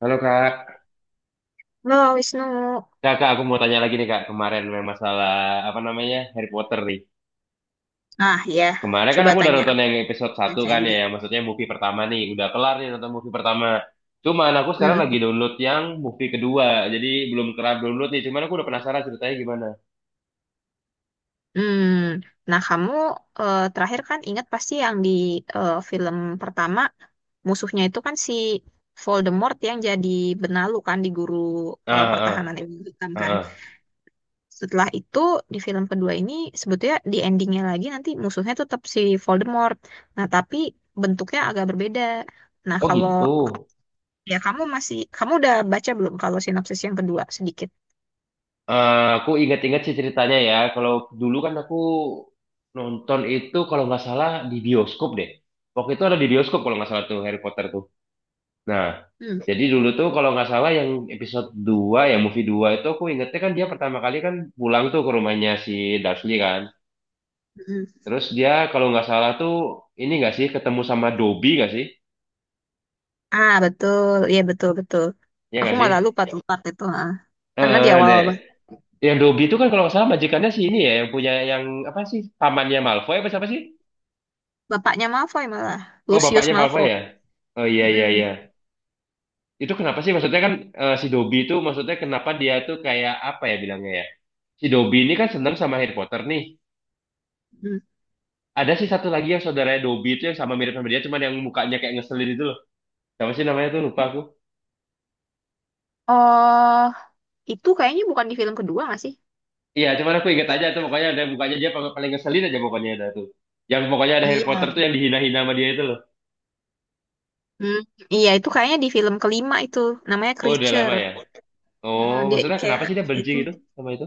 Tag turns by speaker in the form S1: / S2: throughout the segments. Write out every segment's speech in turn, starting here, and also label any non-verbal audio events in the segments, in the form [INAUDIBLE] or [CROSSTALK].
S1: Halo kak,
S2: Halo Wisnu.
S1: kak, Kak, aku mau tanya lagi nih kak, kemarin memang masalah apa namanya Harry Potter nih.
S2: Ya,
S1: Kemarin kan
S2: coba
S1: aku udah
S2: tanya
S1: nonton
S2: aku
S1: yang episode satu
S2: baca
S1: kan ya,
S2: juga.
S1: yang maksudnya movie pertama nih, udah kelar nih nonton movie pertama. Cuman aku sekarang lagi
S2: Mm-mm.
S1: download yang movie kedua, jadi belum kelar download nih, cuman aku udah penasaran ceritanya gimana.
S2: Hmm. Nah, kamu terakhir kan ingat pasti yang di film pertama musuhnya itu kan si Voldemort yang jadi benalu kan di guru
S1: Ah,
S2: pertahanan
S1: ah,
S2: Ibu Hitam
S1: ah,
S2: kan.
S1: ah, ah.
S2: Setelah itu di film kedua ini sebetulnya di endingnya lagi nanti musuhnya tetap si Voldemort. Nah tapi bentuknya agak berbeda. Nah
S1: Oh
S2: kalau
S1: gitu.
S2: ya, kamu kamu udah baca belum kalau sinopsis yang kedua sedikit?
S1: Eh, aku ingat-ingat sih ceritanya ya, kalau dulu kan aku nonton itu kalau nggak salah di bioskop deh. Waktu itu ada di bioskop kalau nggak salah tuh Harry Potter tuh. Nah, jadi dulu tuh kalau nggak salah yang episode 2, ya movie 2 itu aku ingetnya kan dia pertama kali kan pulang tuh ke rumahnya si Dursley kan.
S2: Hmm.
S1: Terus dia kalau nggak salah tuh ini nggak sih ketemu sama Dobby nggak sih?
S2: Ah, betul. Iya, betul, betul.
S1: Ya
S2: Aku
S1: nggak sih?
S2: malah lupa tuh part itu. Ah. Karena di
S1: Eh,
S2: awal
S1: deh. Yang Dobby itu kan kalau nggak salah majikannya si ini ya, yang punya yang apa sih? Pamannya Malfoy apa siapa sih?
S2: bapaknya Malfoy malah.
S1: Oh,
S2: Lucius
S1: bapaknya Malfoy
S2: Malfoy.
S1: ya? Oh, iya iya
S2: Mm-mm,
S1: iya. Itu kenapa sih maksudnya kan eh, si Dobby itu maksudnya kenapa dia tuh kayak apa ya bilangnya ya? Si Dobby ini kan seneng sama Harry Potter nih.
S2: mm.
S1: Ada sih satu lagi yang saudaranya Dobby itu yang sama mirip sama dia, cuman yang mukanya kayak ngeselin itu loh. Siapa sih namanya tuh? Lupa aku.
S2: Oh, itu kayaknya bukan di film kedua, nggak sih?
S1: Iya, cuman aku ingat aja tuh pokoknya ada mukanya dia paling paling ngeselin aja pokoknya ada tuh. Yang pokoknya ada Harry Potter
S2: Iya.
S1: tuh yang dihina-hina sama dia itu loh.
S2: Hmm, iya, itu kayaknya di film kelima itu. Namanya
S1: Oh, udah lama
S2: Creature.
S1: ya. Oh,
S2: Ah, dia
S1: maksudnya kenapa
S2: kayak
S1: sih dia benci
S2: itu.
S1: gitu sama itu?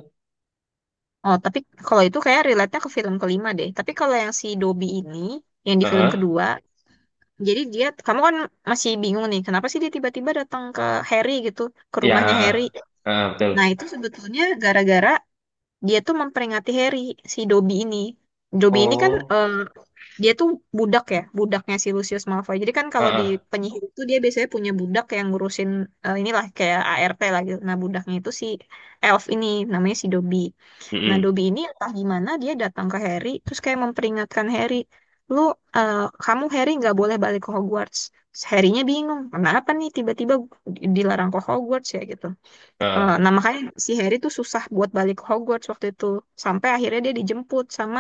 S2: Oh, tapi kalau itu kayak relate-nya ke film kelima deh. Tapi kalau yang si Dobby ini, yang di film
S1: Heeh.
S2: kedua, jadi dia, kamu kan masih bingung nih, kenapa sih dia tiba-tiba datang ke Harry gitu, ke
S1: Iya,
S2: rumahnya
S1: heeh.
S2: Harry.
S1: Heeh,
S2: Nah,
S1: betul.
S2: itu sebetulnya gara-gara dia tuh memperingati Harry, si Dobby ini. Dobby ini kan
S1: Oh,
S2: dia tuh budak ya, budaknya si Lucius Malfoy. Jadi kan kalau di
S1: heeh.
S2: penyihir itu dia biasanya punya budak yang ngurusin inilah kayak ART lah gitu. Nah, budaknya itu si elf ini namanya si Dobby. Nah,
S1: Heeh.
S2: Dobby ini entah gimana dia datang ke Harry terus kayak memperingatkan Harry, "Lu eh, kamu Harry nggak boleh balik ke Hogwarts." Harry-nya bingung, kenapa nih tiba-tiba dilarang ke Hogwarts ya gitu.
S1: Heeh.
S2: Nah makanya si Harry tuh susah buat balik ke Hogwarts waktu itu sampai akhirnya dia dijemput sama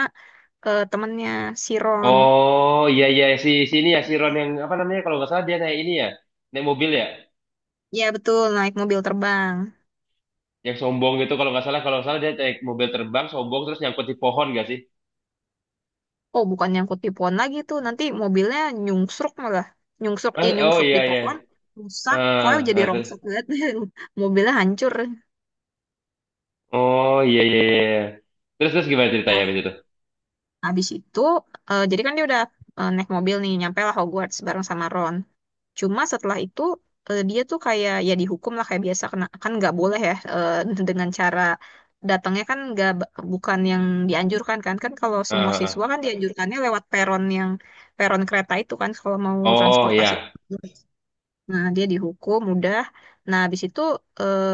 S2: temennya si Ron.
S1: Oh, iya iya, si sini ya si Ron yang apa namanya kalau nggak salah dia naik ini ya. Naik mobil ya.
S2: Ya betul, naik mobil terbang.
S1: Yang sombong gitu kalau nggak salah, kalau nggak salah dia naik mobil terbang sombong terus nyangkut di pohon gak sih?
S2: Oh bukan, nyangkut di pohon lagi tuh nanti, mobilnya nyungsruk malah, nyungsruk ya,
S1: Mas, oh
S2: nyungsruk
S1: iya
S2: di
S1: iya,
S2: pohon, rusak pokoknya,
S1: ah
S2: jadi
S1: ah, terus.
S2: rongsok banget. [LAUGHS] Mobilnya hancur.
S1: Oh iya iya iya iya. Terus terus gimana ceritanya abis
S2: Nah
S1: itu.
S2: habis itu jadi kan dia udah naik mobil nih, nyampe lah Hogwarts bareng sama Ron. Cuma setelah itu dia tuh kayak ya dihukum lah kayak biasa kena kan nggak boleh ya, [LAUGHS] dengan cara datangnya kan nggak, bukan yang dianjurkan kan, kalau
S1: Ah,
S2: semua
S1: ah,
S2: siswa
S1: ah.
S2: kan dianjurkannya lewat peron yang peron kereta itu kan kalau mau
S1: Oh iya.
S2: transportasi. Nah dia dihukum udah. Nah habis itu, eh,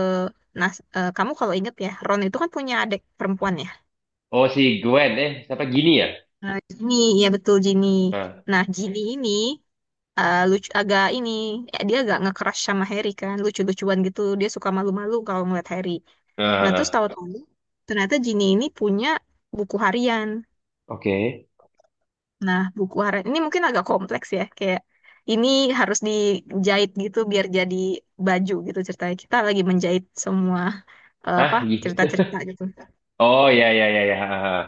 S2: nah, kamu kalau inget ya, Ron itu kan punya adik perempuan ya.
S1: Oh si Gwen eh siapa gini ya.
S2: Nah, Ginny, ya betul Ginny.
S1: Ah,
S2: Nah Ginny ini lucu, agak ini dia agak nge-crush sama Harry kan, lucu-lucuan gitu, dia suka malu-malu kalau ngeliat Harry.
S1: ah,
S2: Nah
S1: ah,
S2: terus
S1: ah.
S2: tahu-tahu ternyata Ginny ini punya buku harian.
S1: Oke.
S2: Nah, buku harian ini mungkin agak kompleks ya, kayak ini harus dijahit gitu biar jadi baju gitu, ceritanya kita lagi menjahit semua apa
S1: ah gi-
S2: cerita-cerita gitu.
S1: [LAUGHS] oh iya iya iya iya, ah, ah, ah.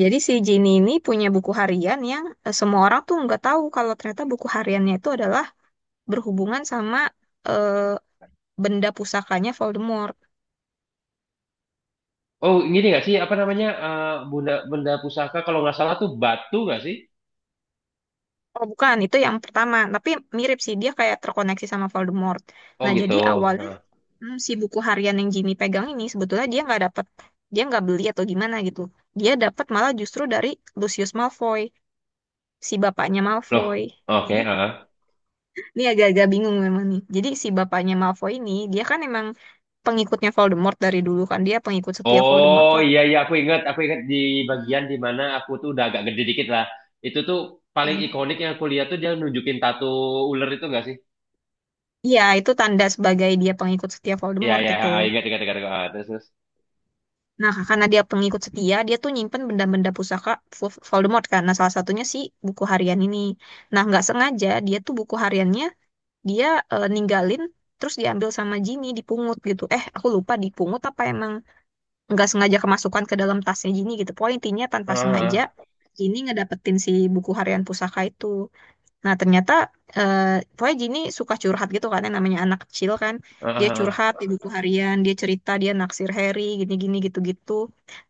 S2: Jadi si Ginny ini punya buku harian yang semua orang tuh nggak tahu kalau ternyata buku hariannya itu adalah berhubungan sama eh, benda pusakanya Voldemort.
S1: Oh gini nggak sih apa namanya eh, benda pusaka kalau nggak salah tuh batu nggak sih?
S2: Oh bukan, itu yang pertama. Tapi mirip sih, dia kayak terkoneksi sama Voldemort.
S1: Oh
S2: Nah
S1: gitu.
S2: jadi awalnya,
S1: Ah.
S2: hmm, si buku harian yang Jimmy pegang ini sebetulnya dia nggak dapet, dia nggak beli atau gimana gitu. Dia dapat malah justru dari Lucius Malfoy, si bapaknya
S1: Loh,
S2: Malfoy.
S1: oke
S2: Jadi
S1: ah ah.
S2: ini agak-agak bingung memang nih. Jadi si bapaknya Malfoy ini dia kan emang pengikutnya Voldemort dari dulu kan, dia pengikut setia Voldemort
S1: Oh
S2: lah.
S1: iya iya, aku ingat di
S2: Hmm.
S1: bagian di mana aku tuh udah agak gede dikit lah. Itu tuh paling ikonik yang aku lihat tuh dia nunjukin tato ular itu enggak sih?
S2: Iya, itu tanda sebagai dia pengikut setia
S1: Iya
S2: Voldemort
S1: iya,
S2: itu.
S1: ah, ingat ingat ingat, ingat. Ah, terus terus.
S2: Nah, karena dia pengikut setia, dia tuh nyimpen benda-benda pusaka Voldemort kan. Nah, salah satunya si buku harian ini. Nah, nggak sengaja dia tuh buku hariannya dia ninggalin terus diambil sama Ginny, dipungut gitu. Eh, aku lupa dipungut apa emang nggak sengaja kemasukan ke dalam tasnya Ginny gitu. Pokoknya intinya tanpa
S1: Ah,
S2: sengaja
S1: ah,
S2: Ginny ngedapetin si buku harian pusaka itu. Nah, ternyata eh pokoknya Jini suka curhat gitu kan, yang namanya anak kecil kan.
S1: ah,
S2: Dia
S1: ah, ah.
S2: curhat di buku harian, dia cerita, dia naksir Harry, gini-gini gitu-gitu.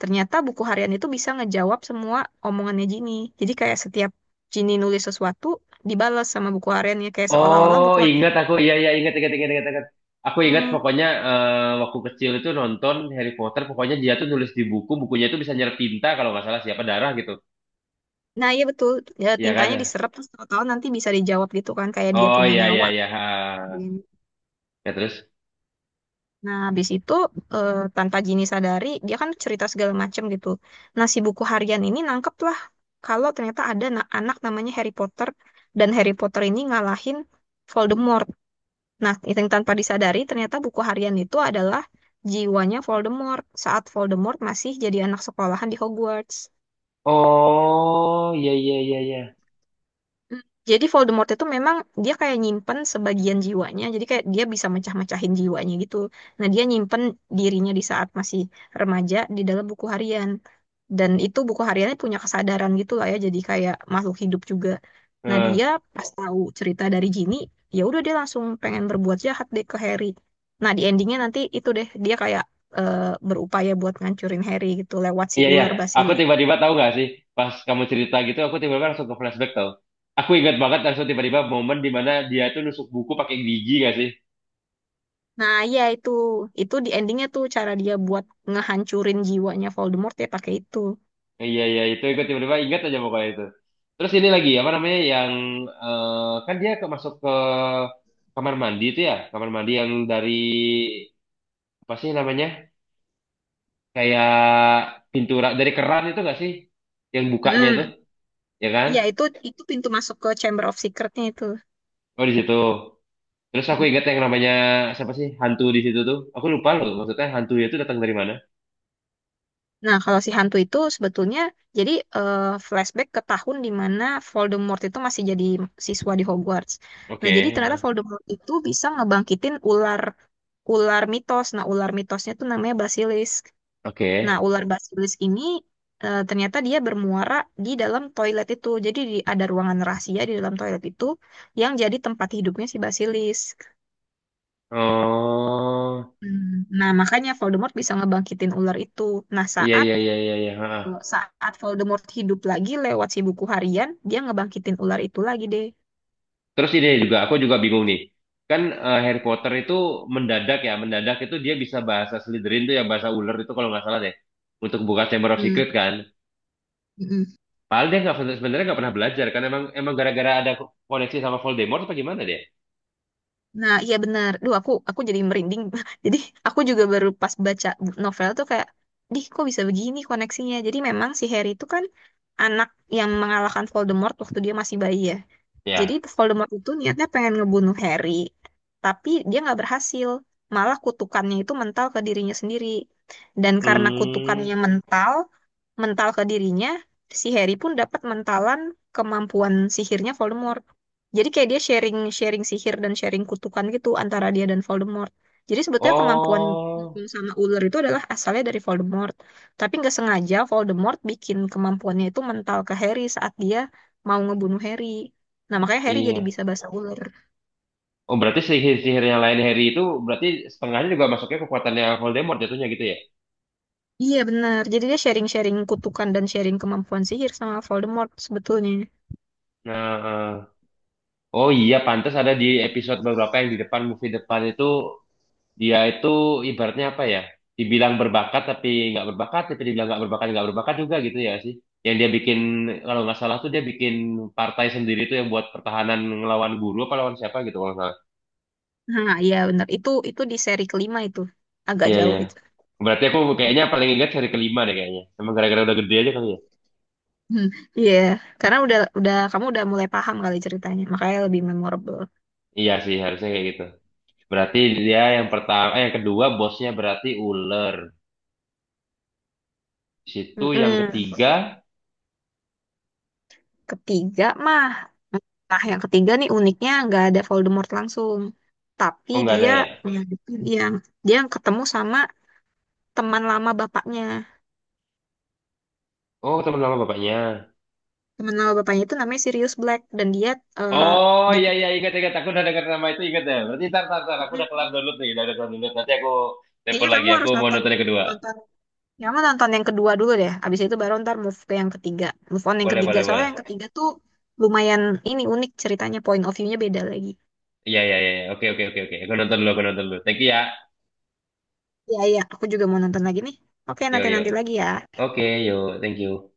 S2: Ternyata buku harian itu bisa ngejawab semua omongannya Jini. Jadi kayak setiap Jini nulis sesuatu, dibalas sama buku hariannya kayak seolah-olah
S1: Oh
S2: buku harian.
S1: ingat aku, iya iya ingat ingat ingat ingat, ingat. Aku ingat
S2: Hmm.
S1: pokoknya eh, waktu kecil itu nonton Harry Potter pokoknya dia tuh nulis di buku, bukunya itu bisa nyerap tinta kalau nggak salah siapa darah gitu.
S2: Nah, iya betul. Ya,
S1: Iya kan?
S2: tintanya
S1: Ya?
S2: diserap terus tahu-tahu nanti bisa dijawab gitu kan, kayak dia
S1: Oh
S2: punya
S1: iya iya
S2: nyawa.
S1: iya, ah. Ya terus.
S2: Nah, habis itu tanpa Gini sadari, dia kan cerita segala macam gitu. Nah, si buku harian ini nangkep lah kalau ternyata ada anak namanya Harry Potter dan Harry Potter ini ngalahin Voldemort. Nah, itu yang tanpa disadari ternyata buku harian itu adalah jiwanya Voldemort saat Voldemort masih jadi anak sekolahan di Hogwarts.
S1: Oh iya iya iya iya.
S2: Mm. Jadi Voldemort itu memang dia kayak nyimpen sebagian jiwanya, jadi kayak dia bisa mecah-mecahin jiwanya gitu. Nah, dia nyimpen dirinya di saat masih remaja di dalam buku harian. Dan itu buku hariannya punya kesadaran gitu lah ya, jadi kayak makhluk hidup juga. Nah, dia
S1: Eh.
S2: pas tahu cerita dari Ginny, ya udah dia langsung pengen berbuat jahat deh ke Harry. Nah, di endingnya nanti itu deh dia kayak eh, berupaya buat ngancurin Harry gitu lewat si
S1: Iya, iya.
S2: ular.
S1: Aku tiba-tiba tahu nggak sih, pas kamu cerita gitu, aku tiba-tiba langsung ke flashback tau. Aku ingat banget langsung tiba-tiba momen di mana dia tuh nusuk buku pakai gigi nggak sih?
S2: Nah, iya itu. Itu di endingnya tuh cara dia buat ngehancurin jiwanya Voldemort ya pakai itu.
S1: Iya, iya. Itu ikut tiba-tiba ingat aja pokoknya itu. Terus ini lagi, apa namanya, yang eh, kan dia ke, masuk ke kamar mandi itu ya. Kamar mandi yang dari apa sih namanya? Kayak pintu dari keran itu nggak sih? Yang bukanya itu,
S2: Mm.
S1: ya kan?
S2: Iya, itu pintu masuk ke Chamber of Secret-nya itu.
S1: Oh, di situ. Terus aku
S2: Mm.
S1: ingat yang namanya siapa sih hantu di situ tuh. Aku lupa loh maksudnya hantu itu datang dari mana.
S2: Nah, kalau si hantu itu sebetulnya jadi flashback ke tahun di mana Voldemort itu masih jadi siswa di Hogwarts. Nah, jadi
S1: Oke,
S2: ternyata
S1: ah,
S2: Voldemort itu bisa ngebangkitin ular, ular mitos. Nah, ular mitosnya tuh namanya basilisk. Nah,
S1: oke.
S2: ular basilis ini ternyata dia bermuara di dalam toilet itu. Jadi ada ruangan rahasia di dalam toilet itu yang jadi tempat hidupnya si basilis.
S1: Oh,
S2: Hmm, nah, makanya Voldemort bisa ngebangkitin ular itu. Nah,
S1: iya
S2: saat
S1: iya iya iya iya, ha, ha.
S2: saat Voldemort hidup lagi lewat si buku harian, dia ngebangkitin ular itu lagi deh.
S1: Terus ini juga aku juga bingung nih. Kan eh, Harry Potter itu mendadak ya, mendadak itu dia bisa bahasa Slytherin tuh ya bahasa ular itu kalau nggak salah deh. Untuk buka Chamber of
S2: Hmm.
S1: Secret kan.
S2: Mm-mm.
S1: Padahal dia nggak, sebenarnya nggak pernah belajar kan, emang emang gara-gara ada koneksi sama Voldemort apa gimana dia?
S2: Nah, iya benar. Duh, aku jadi merinding. [LAUGHS] Jadi aku juga baru pas baca novel tuh kayak, "Dih, kok bisa begini koneksinya?" Jadi memang si Harry itu kan anak yang mengalahkan Voldemort waktu dia masih bayi ya. Jadi
S1: Ya.
S2: Voldemort itu niatnya pengen ngebunuh Harry, tapi dia nggak berhasil. Malah kutukannya itu mental ke dirinya sendiri. Dan karena
S1: Hmm.
S2: kutukannya mental, mental ke dirinya, si Harry pun dapat mentalan kemampuan sihirnya Voldemort. Jadi kayak dia sharing, sharing sihir dan sharing kutukan gitu antara dia dan Voldemort. Jadi sebetulnya kemampuan
S1: Oh,
S2: Dukun sama ular itu adalah asalnya dari Voldemort. Tapi nggak sengaja Voldemort bikin kemampuannya itu mental ke Harry saat dia mau ngebunuh Harry. Nah, makanya Harry jadi
S1: iya.
S2: bisa bahasa ular.
S1: Oh, berarti sihir-sihirnya lain Harry itu berarti setengahnya juga masuknya kekuatannya Voldemort jatuhnya gitu ya?
S2: Iya, benar. Jadi dia sharing-sharing kutukan dan sharing kemampuan sihir sama Voldemort sebetulnya.
S1: Nah, eh. Oh iya, pantas ada di episode beberapa yang di depan movie depan itu dia itu ibaratnya apa ya? Dibilang berbakat tapi nggak berbakat, tapi dibilang nggak berbakat juga gitu ya sih? Yang dia bikin kalau nggak salah tuh dia bikin partai sendiri tuh yang buat pertahanan ngelawan guru apa lawan siapa gitu kalau nggak salah.
S2: Nah, iya benar. Itu di seri kelima itu. Agak
S1: Iya iya.
S2: jauh itu.
S1: Berarti aku kayaknya paling ingat seri kelima deh kayaknya. Emang gara-gara udah gede aja kali ya?
S2: Hmm, iya, karena udah kamu udah mulai paham kali ceritanya, makanya lebih memorable.
S1: Iya sih, harusnya kayak gitu. Berarti dia yang pertama, eh yang kedua bosnya berarti ular. Di situ yang
S2: Mm-mm.
S1: ketiga,
S2: Ketiga mah, nah yang ketiga nih uniknya nggak ada Voldemort langsung, tapi
S1: oh nggak ada
S2: dia
S1: ya?
S2: yang dia, dia ketemu sama teman lama bapaknya.
S1: Oh teman lama bapaknya.
S2: Temen nama bapaknya itu namanya Sirius Black dan dia eh,
S1: Oh
S2: di
S1: iya iya ingat ingat, aku udah dengar nama itu ingat ya. Berarti tar tar tar, aku udah kelar
S2: Mhm.
S1: download nih, udah kelar download. Nanti aku telepon
S2: Kayaknya
S1: lagi,
S2: kamu
S1: aku
S2: harus
S1: mau
S2: nonton
S1: nonton yang kedua.
S2: nonton ya, kamu nonton yang kedua dulu deh. Abis itu baru ntar move ke yang ketiga. Move on yang
S1: Boleh
S2: ketiga.
S1: boleh
S2: Soalnya yang
S1: boleh.
S2: ketiga tuh lumayan ini, unik ceritanya. Point of view-nya beda lagi.
S1: Iya iya iya. Oke oke oke oke. Aku nonton dulu, aku nonton dulu. Thank you ya.
S2: Iya, iya. Aku juga mau nonton lagi nih. Oke,
S1: Yo yo.
S2: nanti-nanti lagi ya.
S1: Oke yo, thank you.